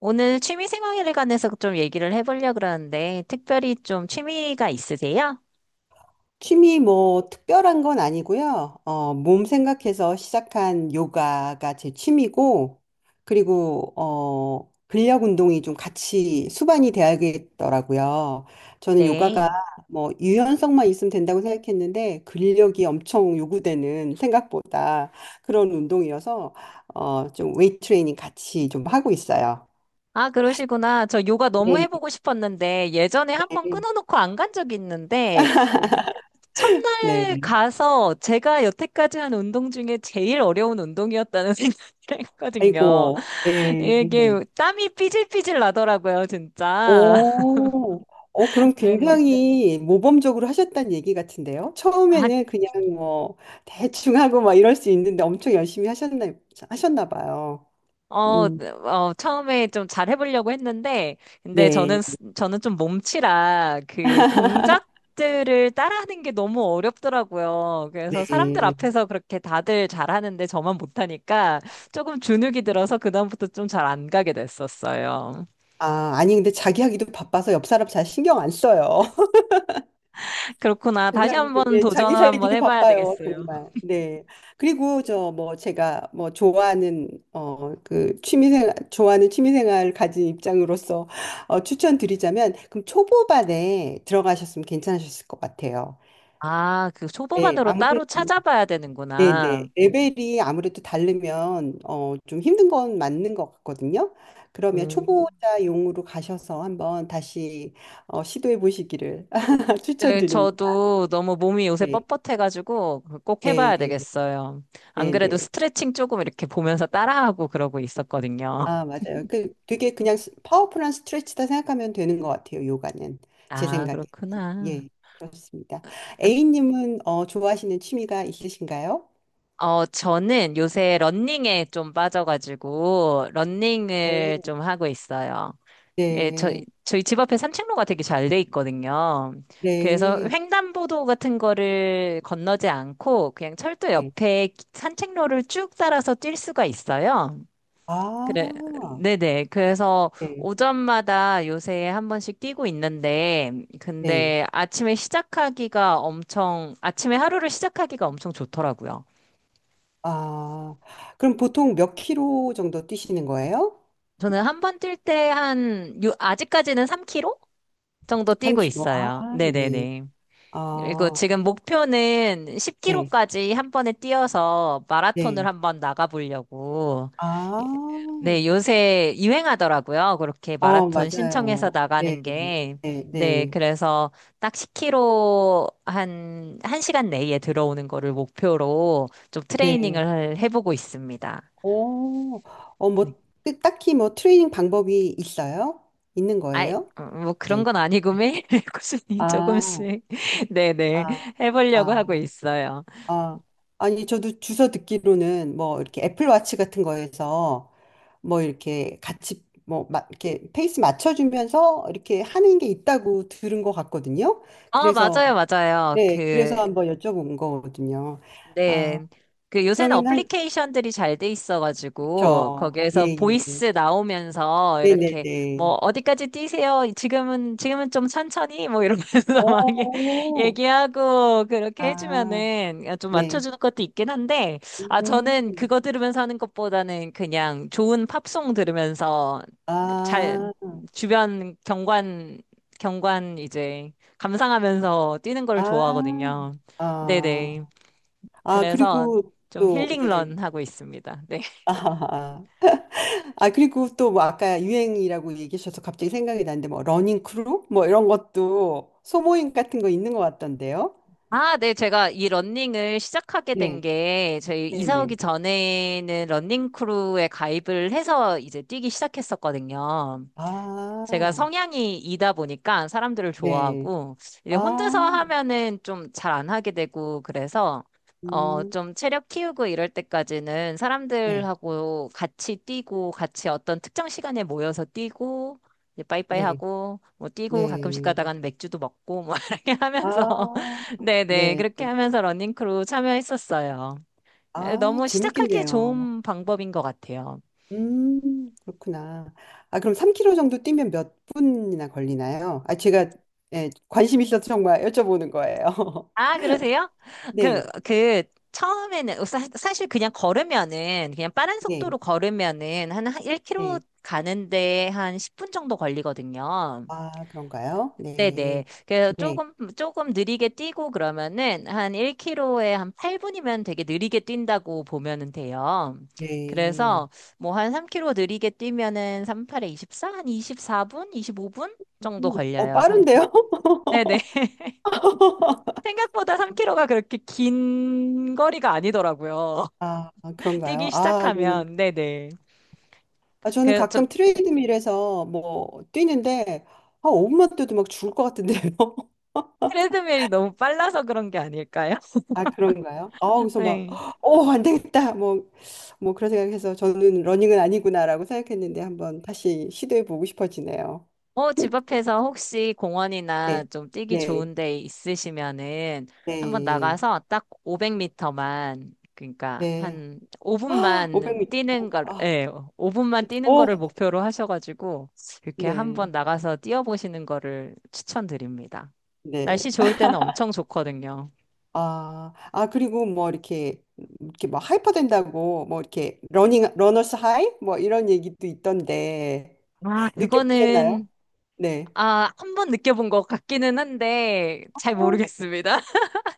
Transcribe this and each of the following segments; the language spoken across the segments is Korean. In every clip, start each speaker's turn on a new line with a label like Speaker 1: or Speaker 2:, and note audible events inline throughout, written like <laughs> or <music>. Speaker 1: 오늘 취미 생활에 관해서 좀 얘기를 해보려고 그러는데, 특별히 좀 취미가 있으세요?
Speaker 2: 취미 뭐 특별한 건 아니고요. 몸 생각해서 시작한 요가가 제 취미고, 그리고 근력 운동이 좀 같이 수반이 돼야겠더라고요. 저는 요가가
Speaker 1: 네.
Speaker 2: 뭐 유연성만 있으면 된다고 생각했는데 근력이 엄청 요구되는 생각보다 그런 운동이어서 좀 웨이트 트레이닝 같이 좀 하고 있어요.
Speaker 1: 아, 그러시구나. 저 요가 너무
Speaker 2: 네.
Speaker 1: 해보고 싶었는데, 예전에 한번 끊어놓고 안 간 적이 있는데, 첫날
Speaker 2: 네.
Speaker 1: 가서 제가 여태까지 한 운동 중에 제일 어려운 운동이었다는 <laughs> 생각을 했거든요.
Speaker 2: 아이고. 네.
Speaker 1: 이게 땀이 삐질삐질 나더라고요, 진짜.
Speaker 2: 오,
Speaker 1: <laughs>
Speaker 2: 그럼
Speaker 1: 네네.
Speaker 2: 굉장히 모범적으로 하셨다는 얘기 같은데요?
Speaker 1: 아,
Speaker 2: 처음에는 그냥 뭐 대충 하고 막 이럴 수 있는데 엄청 열심히 하셨나 봐요. 음,
Speaker 1: 네, 처음에 좀 잘 해보려고 했는데, 근데
Speaker 2: 네,
Speaker 1: 저는 좀 몸치라 그 동작들을 따라하는 게 너무 어렵더라고요. 그래서 사람들
Speaker 2: 네.
Speaker 1: 앞에서 그렇게 다들 잘하는데 저만 못하니까 조금 주눅이 들어서 그다음부터 좀 잘 안 가게 됐었어요.
Speaker 2: 아, 아니, 근데 자기 하기도 바빠서 옆 사람 잘 신경 안 써요.
Speaker 1: 그렇구나.
Speaker 2: 자기
Speaker 1: 다시
Speaker 2: 하기도,
Speaker 1: 한번
Speaker 2: 네, 자기
Speaker 1: 도전을 한번
Speaker 2: 살기도
Speaker 1: 해봐야
Speaker 2: 바빠요,
Speaker 1: 되겠어요.
Speaker 2: 정말. 네. 그리고 저 뭐 제가 뭐 좋아하는 그 취미생활 좋아하는 취미생활 가진 입장으로서 추천드리자면 그럼 초보반에 들어가셨으면 괜찮으셨을 것 같아요.
Speaker 1: 아, 그
Speaker 2: 네,
Speaker 1: 초보반으로
Speaker 2: 아무래도
Speaker 1: 따로 찾아봐야
Speaker 2: 네네
Speaker 1: 되는구나.
Speaker 2: 레벨이 아무래도 다르면 좀 힘든 건 맞는 것 같거든요. 그러면
Speaker 1: 음.
Speaker 2: 초보자용으로 가셔서 한번 다시 시도해 보시기를 <laughs>
Speaker 1: 네,
Speaker 2: 추천드립니다.
Speaker 1: 저도 너무 몸이 요새
Speaker 2: 네,
Speaker 1: 뻣뻣해가지고 꼭
Speaker 2: 네,
Speaker 1: 해봐야 되겠어요. 안
Speaker 2: 네,
Speaker 1: 그래도
Speaker 2: 네.
Speaker 1: 스트레칭 조금 이렇게 보면서 따라하고 그러고 있었거든요.
Speaker 2: 아, 맞아요. 그 되게 그냥 파워풀한 스트레치다 생각하면 되는 것 같아요. 요가는 제
Speaker 1: 아,
Speaker 2: 생각에.
Speaker 1: 그렇구나.
Speaker 2: 예, 그렇습니다. A님은 좋아하시는 취미가 있으신가요?
Speaker 1: 저는 요새 러닝에 좀 빠져가지고
Speaker 2: 네,
Speaker 1: 러닝을 좀 하고 있어요. 예, 저희,
Speaker 2: 네,
Speaker 1: 저희 집 앞에 산책로가 되게 잘 돼 있거든요. 그래서
Speaker 2: 네.
Speaker 1: 횡단보도 같은 거를 건너지 않고 그냥 철도
Speaker 2: 네.
Speaker 1: 옆에 산책로를 쭉 따라서 뛸 수가 있어요. 그래,
Speaker 2: 아,
Speaker 1: 네네. 그래서
Speaker 2: 네,
Speaker 1: 오전마다 요새 한 번씩 뛰고 있는데,
Speaker 2: 네.
Speaker 1: 근데 아침에 시작하기가 엄청, 아침에 하루를 시작하기가 엄청 좋더라고요.
Speaker 2: 아, 그럼 보통 몇 킬로 정도 뛰시는 거예요?
Speaker 1: 저는 한 번 뛸 때 한, 아직까지는 3km 정도 뛰고
Speaker 2: 3킬로. 아,
Speaker 1: 있어요.
Speaker 2: 네.
Speaker 1: 네네네. 그리고
Speaker 2: 아,
Speaker 1: 지금 목표는
Speaker 2: 네,
Speaker 1: 10km까지 한 번에 뛰어서 마라톤을
Speaker 2: 네.
Speaker 1: 한번 나가보려고.
Speaker 2: 아,
Speaker 1: 네, 요새 유행하더라고요. 그렇게 마라톤 신청해서
Speaker 2: 맞아요. 네,
Speaker 1: 나가는 게.
Speaker 2: 네,
Speaker 1: 네,
Speaker 2: 네.
Speaker 1: 그래서 딱 10km 한, 1시간 내에 들어오는 거를 목표로 좀
Speaker 2: 네.
Speaker 1: 트레이닝을 해보고 있습니다.
Speaker 2: 오,
Speaker 1: 네.
Speaker 2: 뭐, 딱히 뭐 트레이닝 방법이 있어요? 있는
Speaker 1: 아이,
Speaker 2: 거예요?
Speaker 1: 뭐 그런
Speaker 2: 네.
Speaker 1: 건 아니고 매일 <laughs> 꾸준히
Speaker 2: 아,
Speaker 1: 조금씩, <laughs> 네네,
Speaker 2: 아,
Speaker 1: 해보려고
Speaker 2: 아,
Speaker 1: 하고 있어요.
Speaker 2: 아. 아니, 저도 주워 듣기로는 뭐 이렇게 애플워치 같은 거에서 뭐 이렇게 같이 뭐 막 이렇게 페이스 맞춰주면서 이렇게 하는 게 있다고 들은 것 같거든요. 그래서,
Speaker 1: 맞아요, 맞아요.
Speaker 2: 네, 그래서 한번 여쭤본 거거든요.
Speaker 1: 네.
Speaker 2: 아,
Speaker 1: 그 요새는
Speaker 2: 그러면 한,
Speaker 1: 어플리케이션들이 잘 돼 있어가지고
Speaker 2: 저, 예,
Speaker 1: 거기에서
Speaker 2: 예.
Speaker 1: 보이스 나오면서 이렇게
Speaker 2: 네네네.
Speaker 1: 뭐 어디까지 뛰세요? 지금은 좀 천천히 뭐 이러면서 <laughs> 막 얘-
Speaker 2: 오,
Speaker 1: 얘기하고 그렇게
Speaker 2: 아,
Speaker 1: 해주면은 좀
Speaker 2: 네.
Speaker 1: 맞춰주는 것도 있긴 한데 아, 저는
Speaker 2: 음.
Speaker 1: 그거 들으면서 하는 것보다는 그냥 좋은 팝송 들으면서 잘
Speaker 2: 아,
Speaker 1: 주변 경관 이제 감상하면서 뛰는 걸
Speaker 2: 아,
Speaker 1: 좋아하거든요. 네네.
Speaker 2: 아, 아,
Speaker 1: 그래서
Speaker 2: 그리고
Speaker 1: 좀
Speaker 2: 또, 예.
Speaker 1: 힐링런 하고 있습니다. 네.
Speaker 2: 아, 아, 아, 그리고 또 뭐 아까 유행이라고 얘기하셔서 갑자기 생각이 나는데 뭐 러닝 크루 뭐 이런 것도 소모임 같은 거 있는 것 같던데요.
Speaker 1: 아, 네. 제가 이 러닝을 시작하게 된
Speaker 2: 네,
Speaker 1: 게 저희
Speaker 2: 네,
Speaker 1: 이사
Speaker 2: 네.
Speaker 1: 오기 전에는 러닝 크루에 가입을 해서 이제 뛰기 시작했었거든요. 제가
Speaker 2: 아,
Speaker 1: 성향이 이다 보니까 사람들을
Speaker 2: 네.
Speaker 1: 좋아하고, 이제
Speaker 2: 아,
Speaker 1: 혼자서 하면은 좀 잘 안 하게 되고, 그래서,
Speaker 2: 음,
Speaker 1: 좀 체력 키우고 이럴 때까지는
Speaker 2: 네,
Speaker 1: 사람들하고 같이 뛰고, 같이 어떤 특정 시간에 모여서 뛰고, 이제 빠이빠이
Speaker 2: 네,
Speaker 1: 하고, 뭐 뛰고 가끔씩
Speaker 2: 네.
Speaker 1: 가다가는 맥주도 먹고, 뭐 <laughs> 이렇게
Speaker 2: 아,
Speaker 1: 하면서, <laughs> 네네,
Speaker 2: 네.
Speaker 1: 그렇게 하면서 러닝크루 참여했었어요. 에,
Speaker 2: 아,
Speaker 1: 너무 시작하기에
Speaker 2: 재밌겠네요.
Speaker 1: 좋은 방법인 것 같아요.
Speaker 2: 그렇구나. 아, 그럼 3 k 로 정도 뛰면 몇 분이나 걸리나요? 아, 제가 예, 관심 있어서 정말 여쭤보는 거예요. <laughs>
Speaker 1: 아, 그러세요?
Speaker 2: 네,
Speaker 1: 그, 그, 처음에는, 사실 그냥 걸으면은, 그냥 빠른
Speaker 2: 네,
Speaker 1: 속도로 걸으면은, 한 1km
Speaker 2: 네.
Speaker 1: 가는데 한 10분 정도 걸리거든요.
Speaker 2: 아, 그런가요?
Speaker 1: 네네.
Speaker 2: 네,
Speaker 1: 그래서
Speaker 2: 네,
Speaker 1: 조금 느리게 뛰고 그러면은, 한 1km에 한 8분이면 되게 느리게 뛴다고 보면은 돼요.
Speaker 2: 네.
Speaker 1: 그래서, 뭐 한 3km 느리게 뛰면은, 38에 24? 한 24분? 25분? 정도 걸려요, 3km.
Speaker 2: 빠른데요?
Speaker 1: 네네.
Speaker 2: <laughs>
Speaker 1: 생각보다 3km가 그렇게 긴 거리가 아니더라고요.
Speaker 2: 아,
Speaker 1: <laughs>
Speaker 2: 그런가요?
Speaker 1: 뛰기 시작하면, 네네.
Speaker 2: 아, 저는
Speaker 1: 그래서
Speaker 2: 가끔 트레이드밀에서 뭐 뛰는데, 아, 5분만 뛰어도 막 죽을 것 같은데요.
Speaker 1: 트레드밀이 너무 빨라서 그런 게 아닐까요?
Speaker 2: 아, 그런가요? 아,
Speaker 1: <laughs>
Speaker 2: 그래서 막,
Speaker 1: 네.
Speaker 2: 안 되겠다. 뭐 그런 생각해서 저는 러닝은 아니구나라고 생각했는데 한번 다시 시도해 보고 싶어지네요. 음,
Speaker 1: 집 앞에서 혹시 공원이나
Speaker 2: 네,
Speaker 1: 좀 뛰기
Speaker 2: 네,
Speaker 1: 좋은 데 있으시면은 한번
Speaker 2: 네,
Speaker 1: 나가서 딱 500m만, 그러니까
Speaker 2: 네.
Speaker 1: 한
Speaker 2: <gasps> 아,
Speaker 1: 5분만
Speaker 2: 500m.
Speaker 1: 뛰는 걸,
Speaker 2: 아,
Speaker 1: 예, 5분만 뛰는
Speaker 2: 오,
Speaker 1: 거를 목표로 하셔가지고 이렇게
Speaker 2: 네,
Speaker 1: 한번 나가서 뛰어보시는 거를 추천드립니다.
Speaker 2: 네.
Speaker 1: 날씨 좋을 때는 엄청 좋거든요.
Speaker 2: 아, 아, 그리고 뭐 이렇게 막 하이퍼 된다고 뭐 이렇게 러너스 하이? 뭐 이런 얘기도 있던데
Speaker 1: 아,
Speaker 2: 느껴보셨나요?
Speaker 1: 그거는,
Speaker 2: 네.
Speaker 1: 아, 한 번 느껴본 것 같기는 한데, 잘
Speaker 2: 어,
Speaker 1: 모르겠습니다.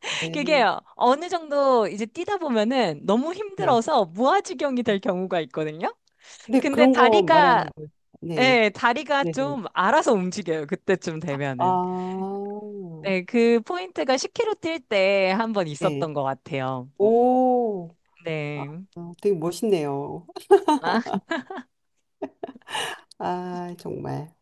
Speaker 1: <laughs>
Speaker 2: 네,
Speaker 1: 그게요, 어느 정도 이제 뛰다 보면은 너무
Speaker 2: 네.
Speaker 1: 힘들어서 무아지경이 될 경우가 있거든요?
Speaker 2: 네,
Speaker 1: 근데
Speaker 2: 그런 거
Speaker 1: 다리가,
Speaker 2: 말하는 거. 네.
Speaker 1: 예, 다리가
Speaker 2: 네네.
Speaker 1: 좀 알아서 움직여요. 그때쯤
Speaker 2: 아,
Speaker 1: 되면은. 네, 그 포인트가 10km 뛸 때 한 번
Speaker 2: 네.
Speaker 1: 있었던 것 같아요.
Speaker 2: 오, 아,
Speaker 1: 네.
Speaker 2: 아, 되게 멋있네요. <laughs>
Speaker 1: 아,
Speaker 2: 아, 정말.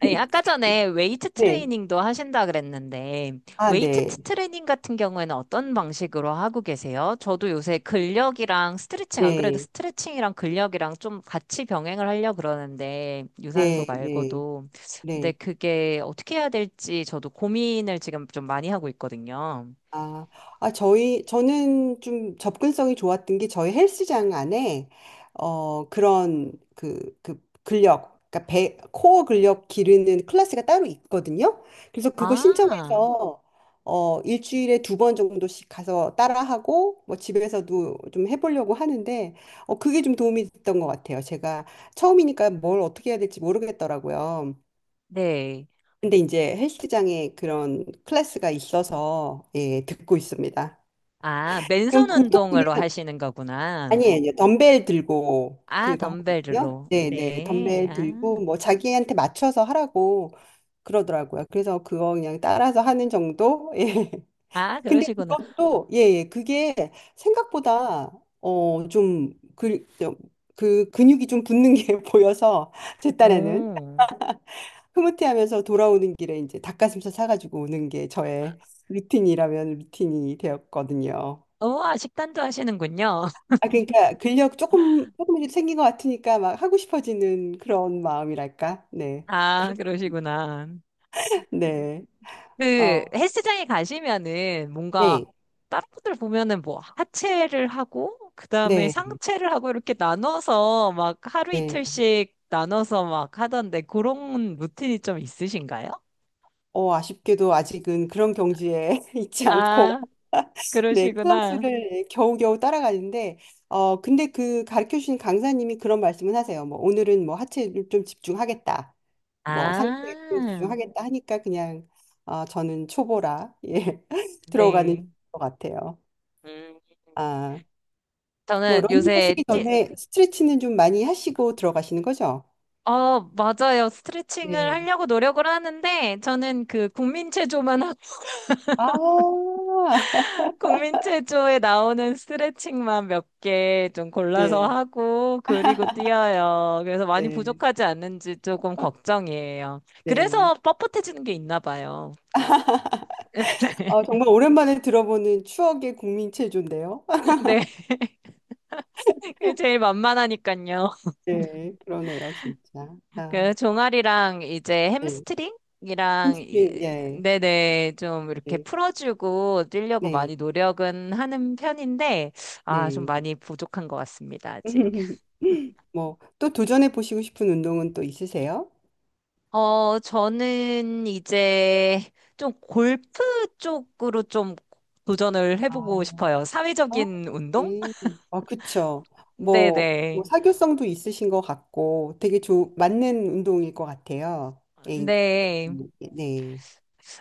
Speaker 1: 아니, 아까 전에 웨이트
Speaker 2: 네.
Speaker 1: 트레이닝도 하신다 그랬는데,
Speaker 2: 아,
Speaker 1: 웨이트
Speaker 2: 네.
Speaker 1: 트레이닝 같은 경우에는 어떤 방식으로 하고 계세요? 저도 요새 근력이랑 스트레칭, 안 그래도
Speaker 2: 네.
Speaker 1: 스트레칭이랑 근력이랑 좀 같이 병행을 하려고 그러는데, 유산소
Speaker 2: 네. 네.
Speaker 1: 말고도. 근데
Speaker 2: 네.
Speaker 1: 그게 어떻게 해야 될지 저도 고민을 지금 좀 많이 하고 있거든요.
Speaker 2: 아, 아, 저는 좀 접근성이 좋았던 게 저희 헬스장 안에, 그 근력, 그러니까 배, 코어 근력 기르는 클래스가 따로 있거든요. 그래서 그거
Speaker 1: 아,
Speaker 2: 신청해서, 일주일에 두 번 정도씩 가서 따라하고, 뭐 집에서도 좀 해보려고 하는데, 그게 좀 도움이 됐던 것 같아요. 제가 처음이니까 뭘 어떻게 해야 될지 모르겠더라고요.
Speaker 1: 네.
Speaker 2: 근데 이제 헬스장에 그런 클래스가 있어서, 예, 듣고 있습니다.
Speaker 1: 아,
Speaker 2: 그럼
Speaker 1: 맨손
Speaker 2: 보통 이게
Speaker 1: 운동으로 하시는 거구나.
Speaker 2: 아니에요. 덤벨
Speaker 1: 아,
Speaker 2: 들고 하거든요.
Speaker 1: 덤벨로.
Speaker 2: 네, 네.
Speaker 1: 네.
Speaker 2: 덤벨
Speaker 1: 아,
Speaker 2: 들고 뭐 자기한테 맞춰서 하라고 그러더라고요. 그래서 그거 그냥 따라서 하는 정도. <laughs> 예.
Speaker 1: 아,
Speaker 2: 근데
Speaker 1: 그러시구나.
Speaker 2: 그것도 예, 예. 그게 생각보다 좀그그 근육이 좀 붙는 게 <laughs> 보여서 제 딴에는
Speaker 1: 오.
Speaker 2: 흐뭇해하면서 돌아오는 길에 이제 닭가슴살 사가지고 오는 게 저의 루틴이라면 루틴이 되었거든요.
Speaker 1: 우와, 식단도 하시는군요. <laughs>
Speaker 2: 아, 그러니까 근력 조금씩 생긴 것 같으니까 막 하고 싶어지는 그런 마음이랄까? 네. 그
Speaker 1: 아,
Speaker 2: 렇
Speaker 1: 그러시구나.
Speaker 2: 네.
Speaker 1: 그
Speaker 2: 어.
Speaker 1: 헬스장에 가시면은 뭔가
Speaker 2: 네.
Speaker 1: 다른 분들 보면은 뭐 하체를 하고 그다음에
Speaker 2: 네.
Speaker 1: 상체를 하고 이렇게 나눠서 막 하루
Speaker 2: 네.
Speaker 1: 이틀씩 나눠서 막 하던데 그런 루틴이 좀 있으신가요?
Speaker 2: 아쉽게도 아직은 그런 경지에 <laughs> 있지 않고,
Speaker 1: 아,
Speaker 2: <laughs> 네,
Speaker 1: 그러시구나.
Speaker 2: 클래스를 겨우겨우 따라가는데, 근데 그 가르쳐 주신 강사님이 그런 말씀을 하세요. 뭐, 오늘은 뭐 하체를 좀 집중하겠다. 뭐 상체에 좀
Speaker 1: 아,
Speaker 2: 집중하겠다 하니까 그냥, 저는 초보라, <laughs> 예, 들어가는
Speaker 1: 네.
Speaker 2: 것 같아요.
Speaker 1: 음,
Speaker 2: 아. 뭐
Speaker 1: 저는
Speaker 2: 러닝
Speaker 1: 요새
Speaker 2: 하시기 전에 스트레치는 좀 많이 하시고 들어가시는 거죠?
Speaker 1: 맞아요. 스트레칭을
Speaker 2: 네.
Speaker 1: 하려고 노력을 하는데, 저는 그 국민체조만,
Speaker 2: 아, <laughs>
Speaker 1: <laughs> 국민체조에 나오는 스트레칭만 몇 개 좀 골라서
Speaker 2: 네,
Speaker 1: 하고, 그리고 뛰어요. 그래서 많이
Speaker 2: 네,
Speaker 1: 부족하지 않는지 조금 걱정이에요.
Speaker 2: 네.
Speaker 1: 그래서 뻣뻣해지는 게 있나 봐요.
Speaker 2: 아,
Speaker 1: <laughs>
Speaker 2: 정말 오랜만에 들어보는 추억의 국민 체조인데요. <laughs>
Speaker 1: 네, 제일 만만하니까요.
Speaker 2: 네, 그러네요, 진짜. 아,
Speaker 1: 그 종아리랑 이제
Speaker 2: 네.
Speaker 1: 햄스트링이랑
Speaker 2: 햄스트링, 예,
Speaker 1: 네네 좀 이렇게
Speaker 2: 네,
Speaker 1: 풀어주고 뛰려고
Speaker 2: 네,
Speaker 1: 많이 노력은 하는 편인데 아, 좀
Speaker 2: 네.
Speaker 1: 많이 부족한 것 같습니다 아직.
Speaker 2: <laughs> 뭐, 또 도전해 보시고 싶은 운동은 또 있으세요?
Speaker 1: 저는 이제 좀 골프 쪽으로 좀 도전을
Speaker 2: 아,
Speaker 1: 해보고 싶어요.
Speaker 2: 아,
Speaker 1: 사회적인 운동?
Speaker 2: 음, 아, 그쵸. 뭐
Speaker 1: 네네.
Speaker 2: 사교성도 있으신 것 같고 되게 좋 맞는 운동일 것 같아요. 네,
Speaker 1: 네.
Speaker 2: 네,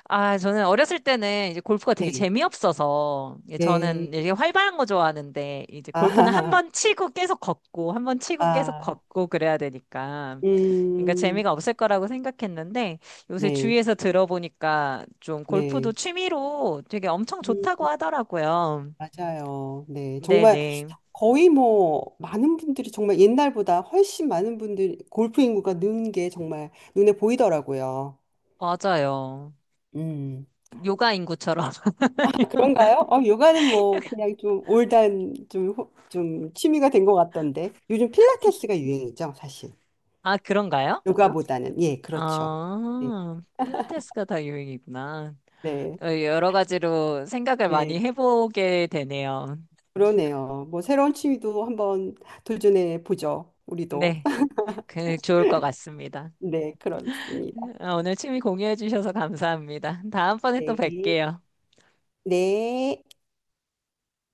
Speaker 1: 아, 저는 어렸을 때는 이제 골프가 되게
Speaker 2: 네,
Speaker 1: 재미없어서, 예,
Speaker 2: 네.
Speaker 1: 저는 이렇게 활발한 거 좋아하는데, 이제
Speaker 2: <laughs>
Speaker 1: 골프는 한
Speaker 2: 아,
Speaker 1: 번 치고 계속 걷고, 한 번 치고 계속
Speaker 2: 아,
Speaker 1: 걷고 그래야 되니까, 그러니까
Speaker 2: 음,
Speaker 1: 재미가 없을 거라고 생각했는데, 요새
Speaker 2: 네,
Speaker 1: 주위에서 들어보니까 좀
Speaker 2: 네.
Speaker 1: 골프도 취미로 되게 엄청
Speaker 2: 음,
Speaker 1: 좋다고 하더라고요.
Speaker 2: 맞아요. 네, 정말
Speaker 1: 네네.
Speaker 2: 거의 뭐 많은 분들이 정말 옛날보다 훨씬 많은 분들이 골프 인구가 는 게 정말 눈에 보이더라고요.
Speaker 1: 맞아요.
Speaker 2: 음.
Speaker 1: 요가 인구처럼. <laughs>
Speaker 2: 그런가요? 요가는 뭐 그냥 좀 올드한 좀, 좀 취미가 된 것 같던데 요즘 필라테스가 유행이죠, 사실.
Speaker 1: 아, 그런가요?
Speaker 2: 요가보다는, 예, 그렇죠. 네,
Speaker 1: 아, 필라테스가 다 유행이구나.
Speaker 2: 네,
Speaker 1: 여러 가지로 생각을 많이
Speaker 2: 네.
Speaker 1: 해보게 되네요.
Speaker 2: 그러네요. 뭐 새로운 취미도 한번 도전해 보죠, 우리도.
Speaker 1: 네,
Speaker 2: <laughs>
Speaker 1: 그 좋을 것 같습니다.
Speaker 2: 네, 그렇습니다.
Speaker 1: 오늘 취미 공유해 주셔서 감사합니다. 다음번에 또
Speaker 2: 네.
Speaker 1: 뵐게요.
Speaker 2: 네.